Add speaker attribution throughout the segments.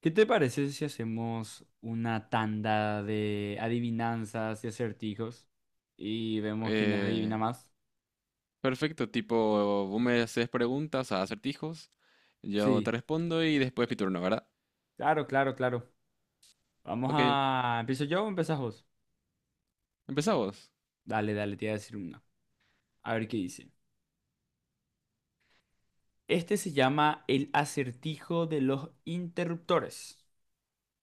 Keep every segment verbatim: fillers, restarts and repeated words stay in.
Speaker 1: ¿Qué te parece si hacemos una tanda de adivinanzas y acertijos y vemos quién
Speaker 2: Eh,
Speaker 1: adivina más?
Speaker 2: Perfecto, tipo, vos me haces preguntas, a acertijos, yo te
Speaker 1: Sí,
Speaker 2: respondo y después mi turno, ¿verdad?
Speaker 1: claro, claro, claro. Vamos
Speaker 2: Ok,
Speaker 1: a... ¿Empiezo yo o empezás vos?
Speaker 2: empezamos.
Speaker 1: Dale, dale, te voy a decir una. A ver qué dice. Este se llama el acertijo de los interruptores.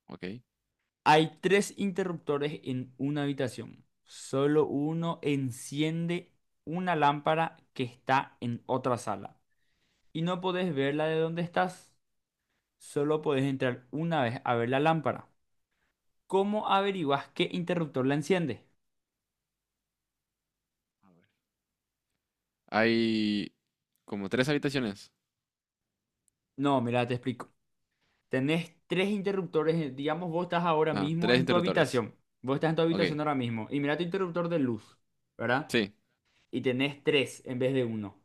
Speaker 2: Ok.
Speaker 1: Hay tres interruptores en una habitación. Solo uno enciende una lámpara que está en otra sala y no podés verla de donde estás. Solo podés entrar una vez a ver la lámpara. ¿Cómo averiguás qué interruptor la enciende?
Speaker 2: A ver. Hay como tres habitaciones.
Speaker 1: No, mira, te explico. Tenés tres interruptores. eh, Digamos, vos estás ahora
Speaker 2: Ah,
Speaker 1: mismo
Speaker 2: tres
Speaker 1: en tu
Speaker 2: interruptores.
Speaker 1: habitación. Vos estás en tu
Speaker 2: Ok,
Speaker 1: habitación ahora mismo. Y mira tu interruptor de luz, ¿verdad?
Speaker 2: sí,
Speaker 1: Y tenés tres en vez de uno.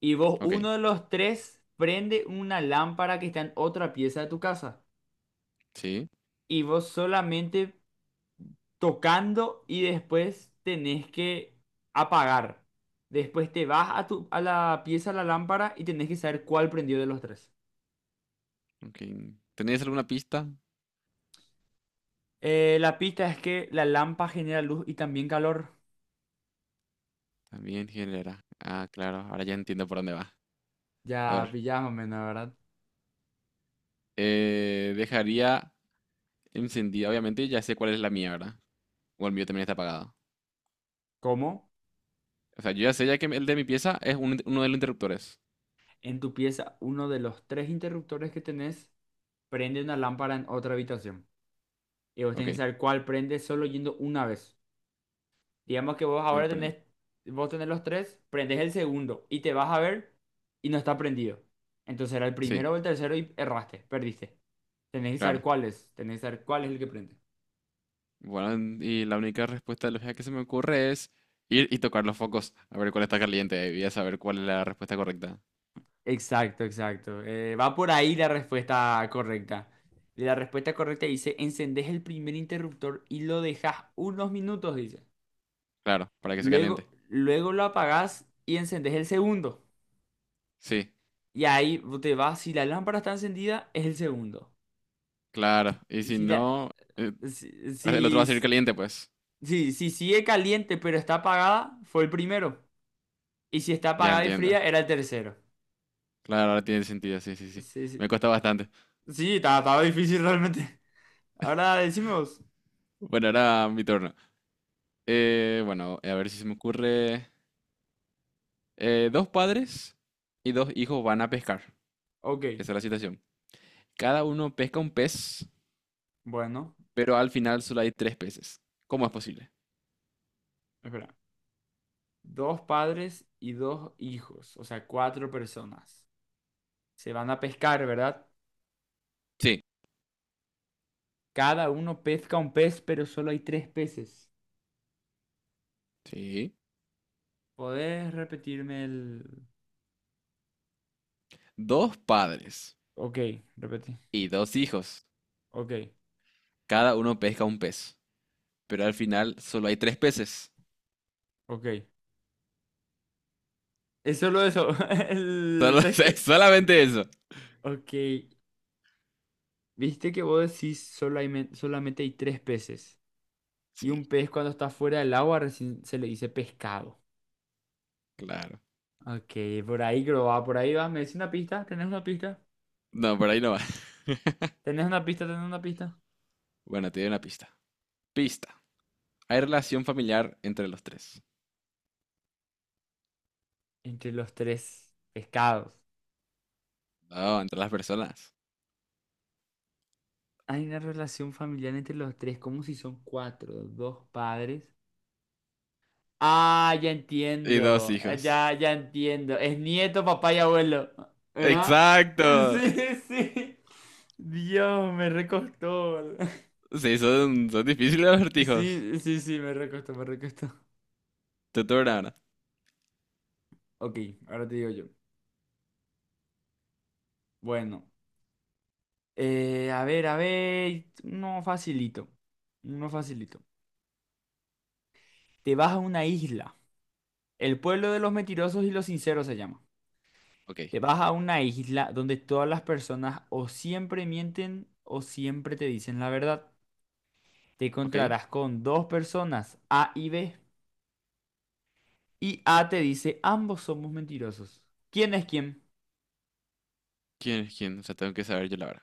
Speaker 1: Y vos,
Speaker 2: ok,
Speaker 1: uno de los tres, prende una lámpara que está en otra pieza de tu casa.
Speaker 2: sí,
Speaker 1: Y vos solamente tocando y después tenés que apagar. Después te vas a, tu, a la pieza, a la lámpara y tenés que saber cuál prendió de los tres.
Speaker 2: ok. ¿Tenéis alguna pista?
Speaker 1: Eh, la pista es que la lámpara genera luz y también calor.
Speaker 2: También genera. Ah, claro, ahora ya entiendo por dónde va. A
Speaker 1: Ya
Speaker 2: ver,
Speaker 1: pillás más o menos, ¿verdad?
Speaker 2: eh, dejaría encendida, obviamente, ya sé cuál es la mía, ¿verdad? O el mío también está apagado.
Speaker 1: ¿Cómo?
Speaker 2: O sea, yo ya sé ya que el de mi pieza es un inter- uno de los interruptores.
Speaker 1: En tu pieza, uno de los tres interruptores que tenés prende una lámpara en otra habitación. Y vos
Speaker 2: Ok,
Speaker 1: tenés que saber cuál prende solo yendo una vez. Digamos que vos
Speaker 2: o el
Speaker 1: ahora
Speaker 2: prende.
Speaker 1: tenés, vos tenés los tres, prendés el segundo y te vas a ver y no está prendido. Entonces era el
Speaker 2: Sí,
Speaker 1: primero o el tercero y erraste, perdiste. Tenés que saber
Speaker 2: claro.
Speaker 1: cuál es, tenés que saber cuál es el que prende.
Speaker 2: Bueno, y la única respuesta lógica que se me ocurre es ir y tocar los focos, a ver cuál está caliente, y a saber cuál es la respuesta correcta.
Speaker 1: Exacto, exacto. Eh, va por ahí la respuesta correcta. Y la respuesta correcta dice, encendés el primer interruptor y lo dejas unos minutos, dice.
Speaker 2: Claro, para que se
Speaker 1: Luego,
Speaker 2: caliente.
Speaker 1: luego lo apagás y encendés el segundo.
Speaker 2: Sí,
Speaker 1: Y ahí te vas, si la lámpara está encendida, es el segundo.
Speaker 2: claro. Y si
Speaker 1: Si la,
Speaker 2: no, eh,
Speaker 1: Si,
Speaker 2: el otro va a salir
Speaker 1: si,
Speaker 2: caliente, pues.
Speaker 1: si, si sigue caliente pero está apagada, fue el primero. Y si está
Speaker 2: Ya
Speaker 1: apagada y
Speaker 2: entiendo.
Speaker 1: fría, era el tercero.
Speaker 2: Claro, ahora tiene sentido, sí, sí, sí.
Speaker 1: Sí, sí.
Speaker 2: Me cuesta bastante.
Speaker 1: Sí, estaba, estaba difícil realmente. Ahora decimos,
Speaker 2: Bueno, ahora mi turno. Eh, bueno, a ver si se me ocurre. Eh, dos padres y dos hijos van a pescar.
Speaker 1: ok,
Speaker 2: Esa es la situación. Cada uno pesca un pez,
Speaker 1: bueno,
Speaker 2: pero al final solo hay tres peces. ¿Cómo es posible?
Speaker 1: espera. Dos padres y dos hijos, o sea, cuatro personas. Se van a pescar, ¿verdad?
Speaker 2: Sí.
Speaker 1: Cada uno pesca un pez, pero solo hay tres peces.
Speaker 2: Sí.
Speaker 1: ¿Podés repetirme el?
Speaker 2: Dos padres
Speaker 1: Ok, repetí.
Speaker 2: y dos hijos.
Speaker 1: Ok,
Speaker 2: Cada uno pesca un pez, pero al final solo hay tres peces.
Speaker 1: ok. Es solo eso, el
Speaker 2: Solo-
Speaker 1: texto.
Speaker 2: es solamente eso.
Speaker 1: Ok, viste que vos decís solamente, solamente hay tres peces. Y
Speaker 2: Sí,
Speaker 1: un pez cuando está fuera del agua recién se le dice pescado.
Speaker 2: claro.
Speaker 1: Ok, por ahí creo va, por ahí va. ¿Me decís una pista? ¿Tenés una pista?
Speaker 2: No, por ahí no va.
Speaker 1: ¿Tenés una pista? ¿Tenés una pista?
Speaker 2: Bueno, te doy una pista. Pista. Hay relación familiar entre los tres.
Speaker 1: Entre los tres pescados.
Speaker 2: No, entre las personas.
Speaker 1: Hay una relación familiar entre los tres, como si son cuatro, dos padres. Ah, ya
Speaker 2: Y dos
Speaker 1: entiendo. Eh,
Speaker 2: hijos.
Speaker 1: Ya, ya entiendo. Es nieto, papá y abuelo. ¿Verdad?
Speaker 2: Exacto.
Speaker 1: Sí, sí. Dios, me recostó.
Speaker 2: Sí, son, son difíciles los acertijos.
Speaker 1: Sí, sí, sí, me recostó, me recostó.
Speaker 2: Te turno ahora.
Speaker 1: Ok, ahora te digo yo. Bueno, eh, a ver, a ver. No facilito. No facilito. Te vas a una isla. El pueblo de los mentirosos y los sinceros se llama.
Speaker 2: Ok,
Speaker 1: Te vas a una isla donde todas las personas o siempre mienten o siempre te dicen la verdad. Te
Speaker 2: ok.
Speaker 1: encontrarás con dos personas, A y B, y A te dice, ambos somos mentirosos. ¿Quién es quién?
Speaker 2: ¿Quién es quién? O sea, tengo que saber yo la verdad.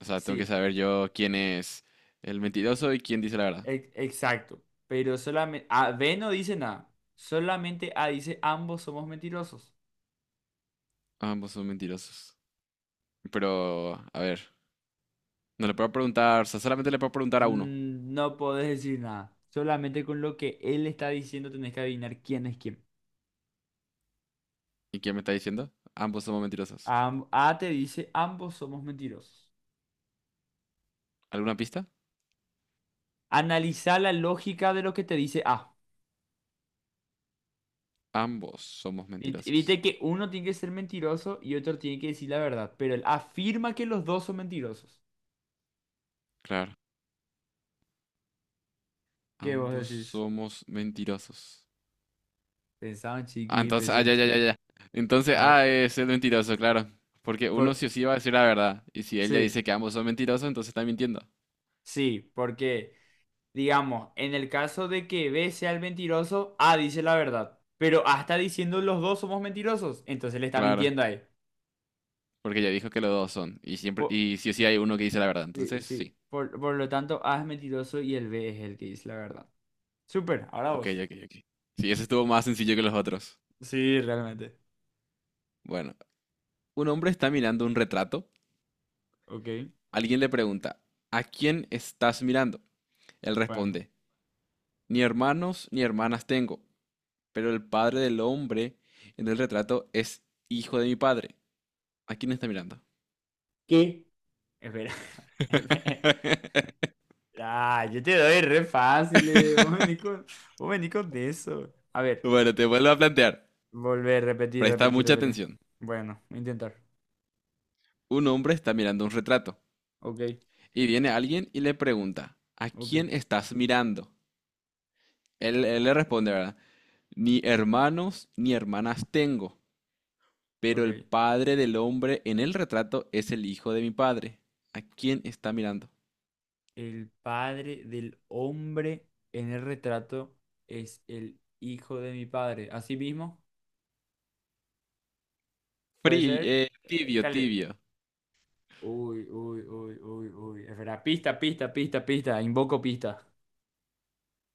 Speaker 2: O sea, tengo que
Speaker 1: Sí,
Speaker 2: saber yo quién es el mentiroso y quién dice la verdad.
Speaker 1: e- exacto. Pero solamente A, B no dice nada. Solamente A dice, ambos somos mentirosos.
Speaker 2: Ambos son mentirosos. Pero, a ver, no le puedo preguntar, o sea, solamente le puedo preguntar a uno.
Speaker 1: Mm, No podés decir nada. Solamente con lo que él está diciendo tenés que adivinar quién es quién.
Speaker 2: ¿Y quién me está diciendo? Ambos somos mentirosos.
Speaker 1: Am- A, te dice, ambos somos mentirosos.
Speaker 2: ¿Alguna pista?
Speaker 1: Analiza la lógica de lo que te dice A.
Speaker 2: Ambos somos
Speaker 1: Vit- Viste
Speaker 2: mentirosos.
Speaker 1: que uno tiene que ser mentiroso y otro tiene que decir la verdad, pero él afirma que los dos son mentirosos.
Speaker 2: Claro,
Speaker 1: ¿Qué vos
Speaker 2: ambos
Speaker 1: decís?
Speaker 2: somos mentirosos.
Speaker 1: Pensaban
Speaker 2: Ah,
Speaker 1: chiqui,
Speaker 2: entonces, ah,
Speaker 1: pensaban
Speaker 2: ya, ya, ya,
Speaker 1: chiqui.
Speaker 2: ya. Entonces,
Speaker 1: A
Speaker 2: ah,
Speaker 1: ver,
Speaker 2: es el mentiroso, claro. Porque uno
Speaker 1: por...
Speaker 2: sí o sí va a decir la verdad. Y si ella
Speaker 1: sí,
Speaker 2: dice que ambos son mentirosos, entonces está mintiendo.
Speaker 1: sí, porque, digamos, en el caso de que B sea el mentiroso, A dice la verdad, pero A está diciendo los dos somos mentirosos, entonces le está
Speaker 2: Claro.
Speaker 1: mintiendo ahí.
Speaker 2: Porque ya dijo que los dos son. Y siempre,
Speaker 1: Por...
Speaker 2: y sí o sí hay uno que dice la verdad.
Speaker 1: Sí,
Speaker 2: Entonces,
Speaker 1: sí,
Speaker 2: sí.
Speaker 1: por, por lo tanto, A es mentiroso y el B es el que dice la verdad. Súper, ahora
Speaker 2: Ok,
Speaker 1: vos.
Speaker 2: ok, ok. Sí, ese estuvo más sencillo que los otros.
Speaker 1: Sí, realmente.
Speaker 2: Bueno, un hombre está mirando un retrato.
Speaker 1: Ok,
Speaker 2: Alguien le pregunta, ¿a quién estás mirando? Él
Speaker 1: bueno.
Speaker 2: responde, ni hermanos ni hermanas tengo, pero el padre del hombre en el retrato es hijo de mi padre. ¿A quién está mirando?
Speaker 1: ¿Qué? Espera, espera. Ah, yo te doy re fácil, eh Vos venís con, vos venís con de eso. A ver,
Speaker 2: Bueno, te vuelvo a plantear.
Speaker 1: volver, repetir,
Speaker 2: Presta
Speaker 1: repetir,
Speaker 2: mucha
Speaker 1: repetir.
Speaker 2: atención.
Speaker 1: Bueno, voy a intentar.
Speaker 2: Un hombre está mirando un retrato
Speaker 1: Ok,
Speaker 2: y viene alguien y le pregunta, ¿a
Speaker 1: ok,
Speaker 2: quién estás mirando? Él, él le responde, ¿verdad? Ni hermanos ni hermanas tengo, pero
Speaker 1: ok.
Speaker 2: el padre del hombre en el retrato es el hijo de mi padre. ¿A quién está mirando?
Speaker 1: El padre del hombre en el retrato es el hijo de mi padre. Así mismo, puede
Speaker 2: Pri-
Speaker 1: ser.
Speaker 2: eh,
Speaker 1: Eh,
Speaker 2: tibio,
Speaker 1: cali-
Speaker 2: tibio.
Speaker 1: Uy, uy, uy, uy, uy. Espera, pista, pista, pista, pista. Invoco pista.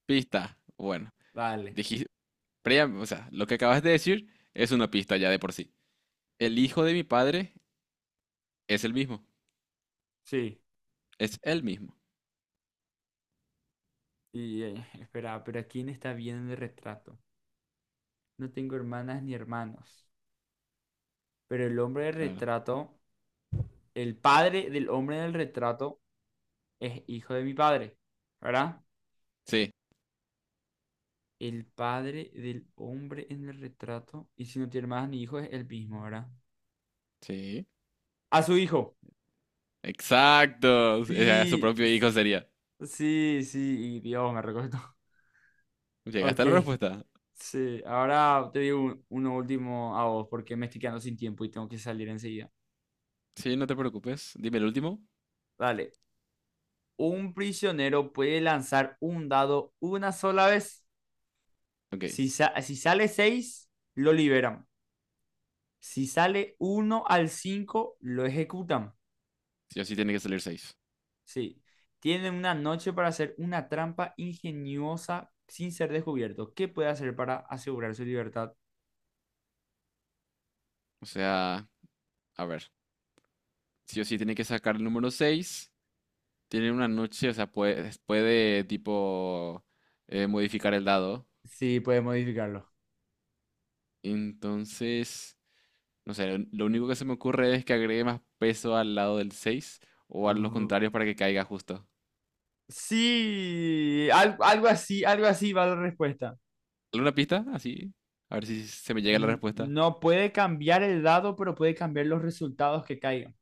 Speaker 2: Pista. Bueno,
Speaker 1: Vale.
Speaker 2: dijiste, o sea, lo que acabas de decir es una pista ya de por sí. El hijo de mi padre es el mismo.
Speaker 1: Sí.
Speaker 2: Es el mismo.
Speaker 1: Y eh, espera, pero ¿a quién está viendo en el retrato? No tengo hermanas ni hermanos. Pero el hombre del
Speaker 2: Claro.
Speaker 1: retrato, el padre del hombre del retrato es hijo de mi padre, ¿verdad?
Speaker 2: Sí,
Speaker 1: El padre del hombre en el retrato, y si no tiene hermanas ni hijos, es el mismo, ¿verdad?
Speaker 2: sí.
Speaker 1: A su hijo.
Speaker 2: Exacto. Era su
Speaker 1: Sí,
Speaker 2: propio
Speaker 1: s-
Speaker 2: hijo sería.
Speaker 1: sí, sí, y Dios, me recuerdo. Ok,
Speaker 2: Llegaste a la respuesta.
Speaker 1: sí. Ahora te digo un- uno último a vos, porque me estoy quedando sin tiempo y tengo que salir enseguida.
Speaker 2: Sí, no te preocupes. Dime el último.
Speaker 1: Dale. Un prisionero puede lanzar un dado una sola vez.
Speaker 2: Ok.
Speaker 1: Si, sa- si sale seis lo liberan. Si sale uno al cinco lo ejecutan.
Speaker 2: Sí o sí tiene que salir seis.
Speaker 1: Sí. Tienen una noche para hacer una trampa ingeniosa sin ser descubierto. ¿Qué puede hacer para asegurar su libertad?
Speaker 2: O sea, a ver. Sí o sí tiene que sacar el número seis. Tiene una noche, o sea, puede, puede tipo eh, modificar el dado.
Speaker 1: Sí, puede modificarlo.
Speaker 2: Entonces, no sé, lo único que se me ocurre es que agregue más peso al lado del seis o a los
Speaker 1: Mm,
Speaker 2: contrarios para que caiga justo.
Speaker 1: sí, al- algo así, algo así va la respuesta.
Speaker 2: ¿Alguna pista? Así. A ver si se me llega la
Speaker 1: N-
Speaker 2: respuesta.
Speaker 1: No puede cambiar el dado, pero puede cambiar los resultados que caigan.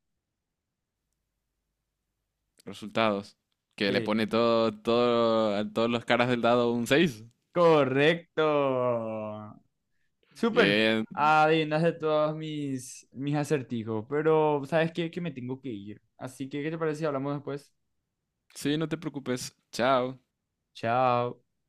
Speaker 2: Resultados. Que le
Speaker 1: Sí.
Speaker 2: pone todo, todo, a todos los caras del dado un seis.
Speaker 1: Correcto. Súper.
Speaker 2: Bien.
Speaker 1: Adivinaste todos mis, mis acertijos, pero ¿sabes qué? Que me tengo que ir. Así que, ¿qué te parece si hablamos después?
Speaker 2: Sí, no te preocupes. Chao.
Speaker 1: Chao.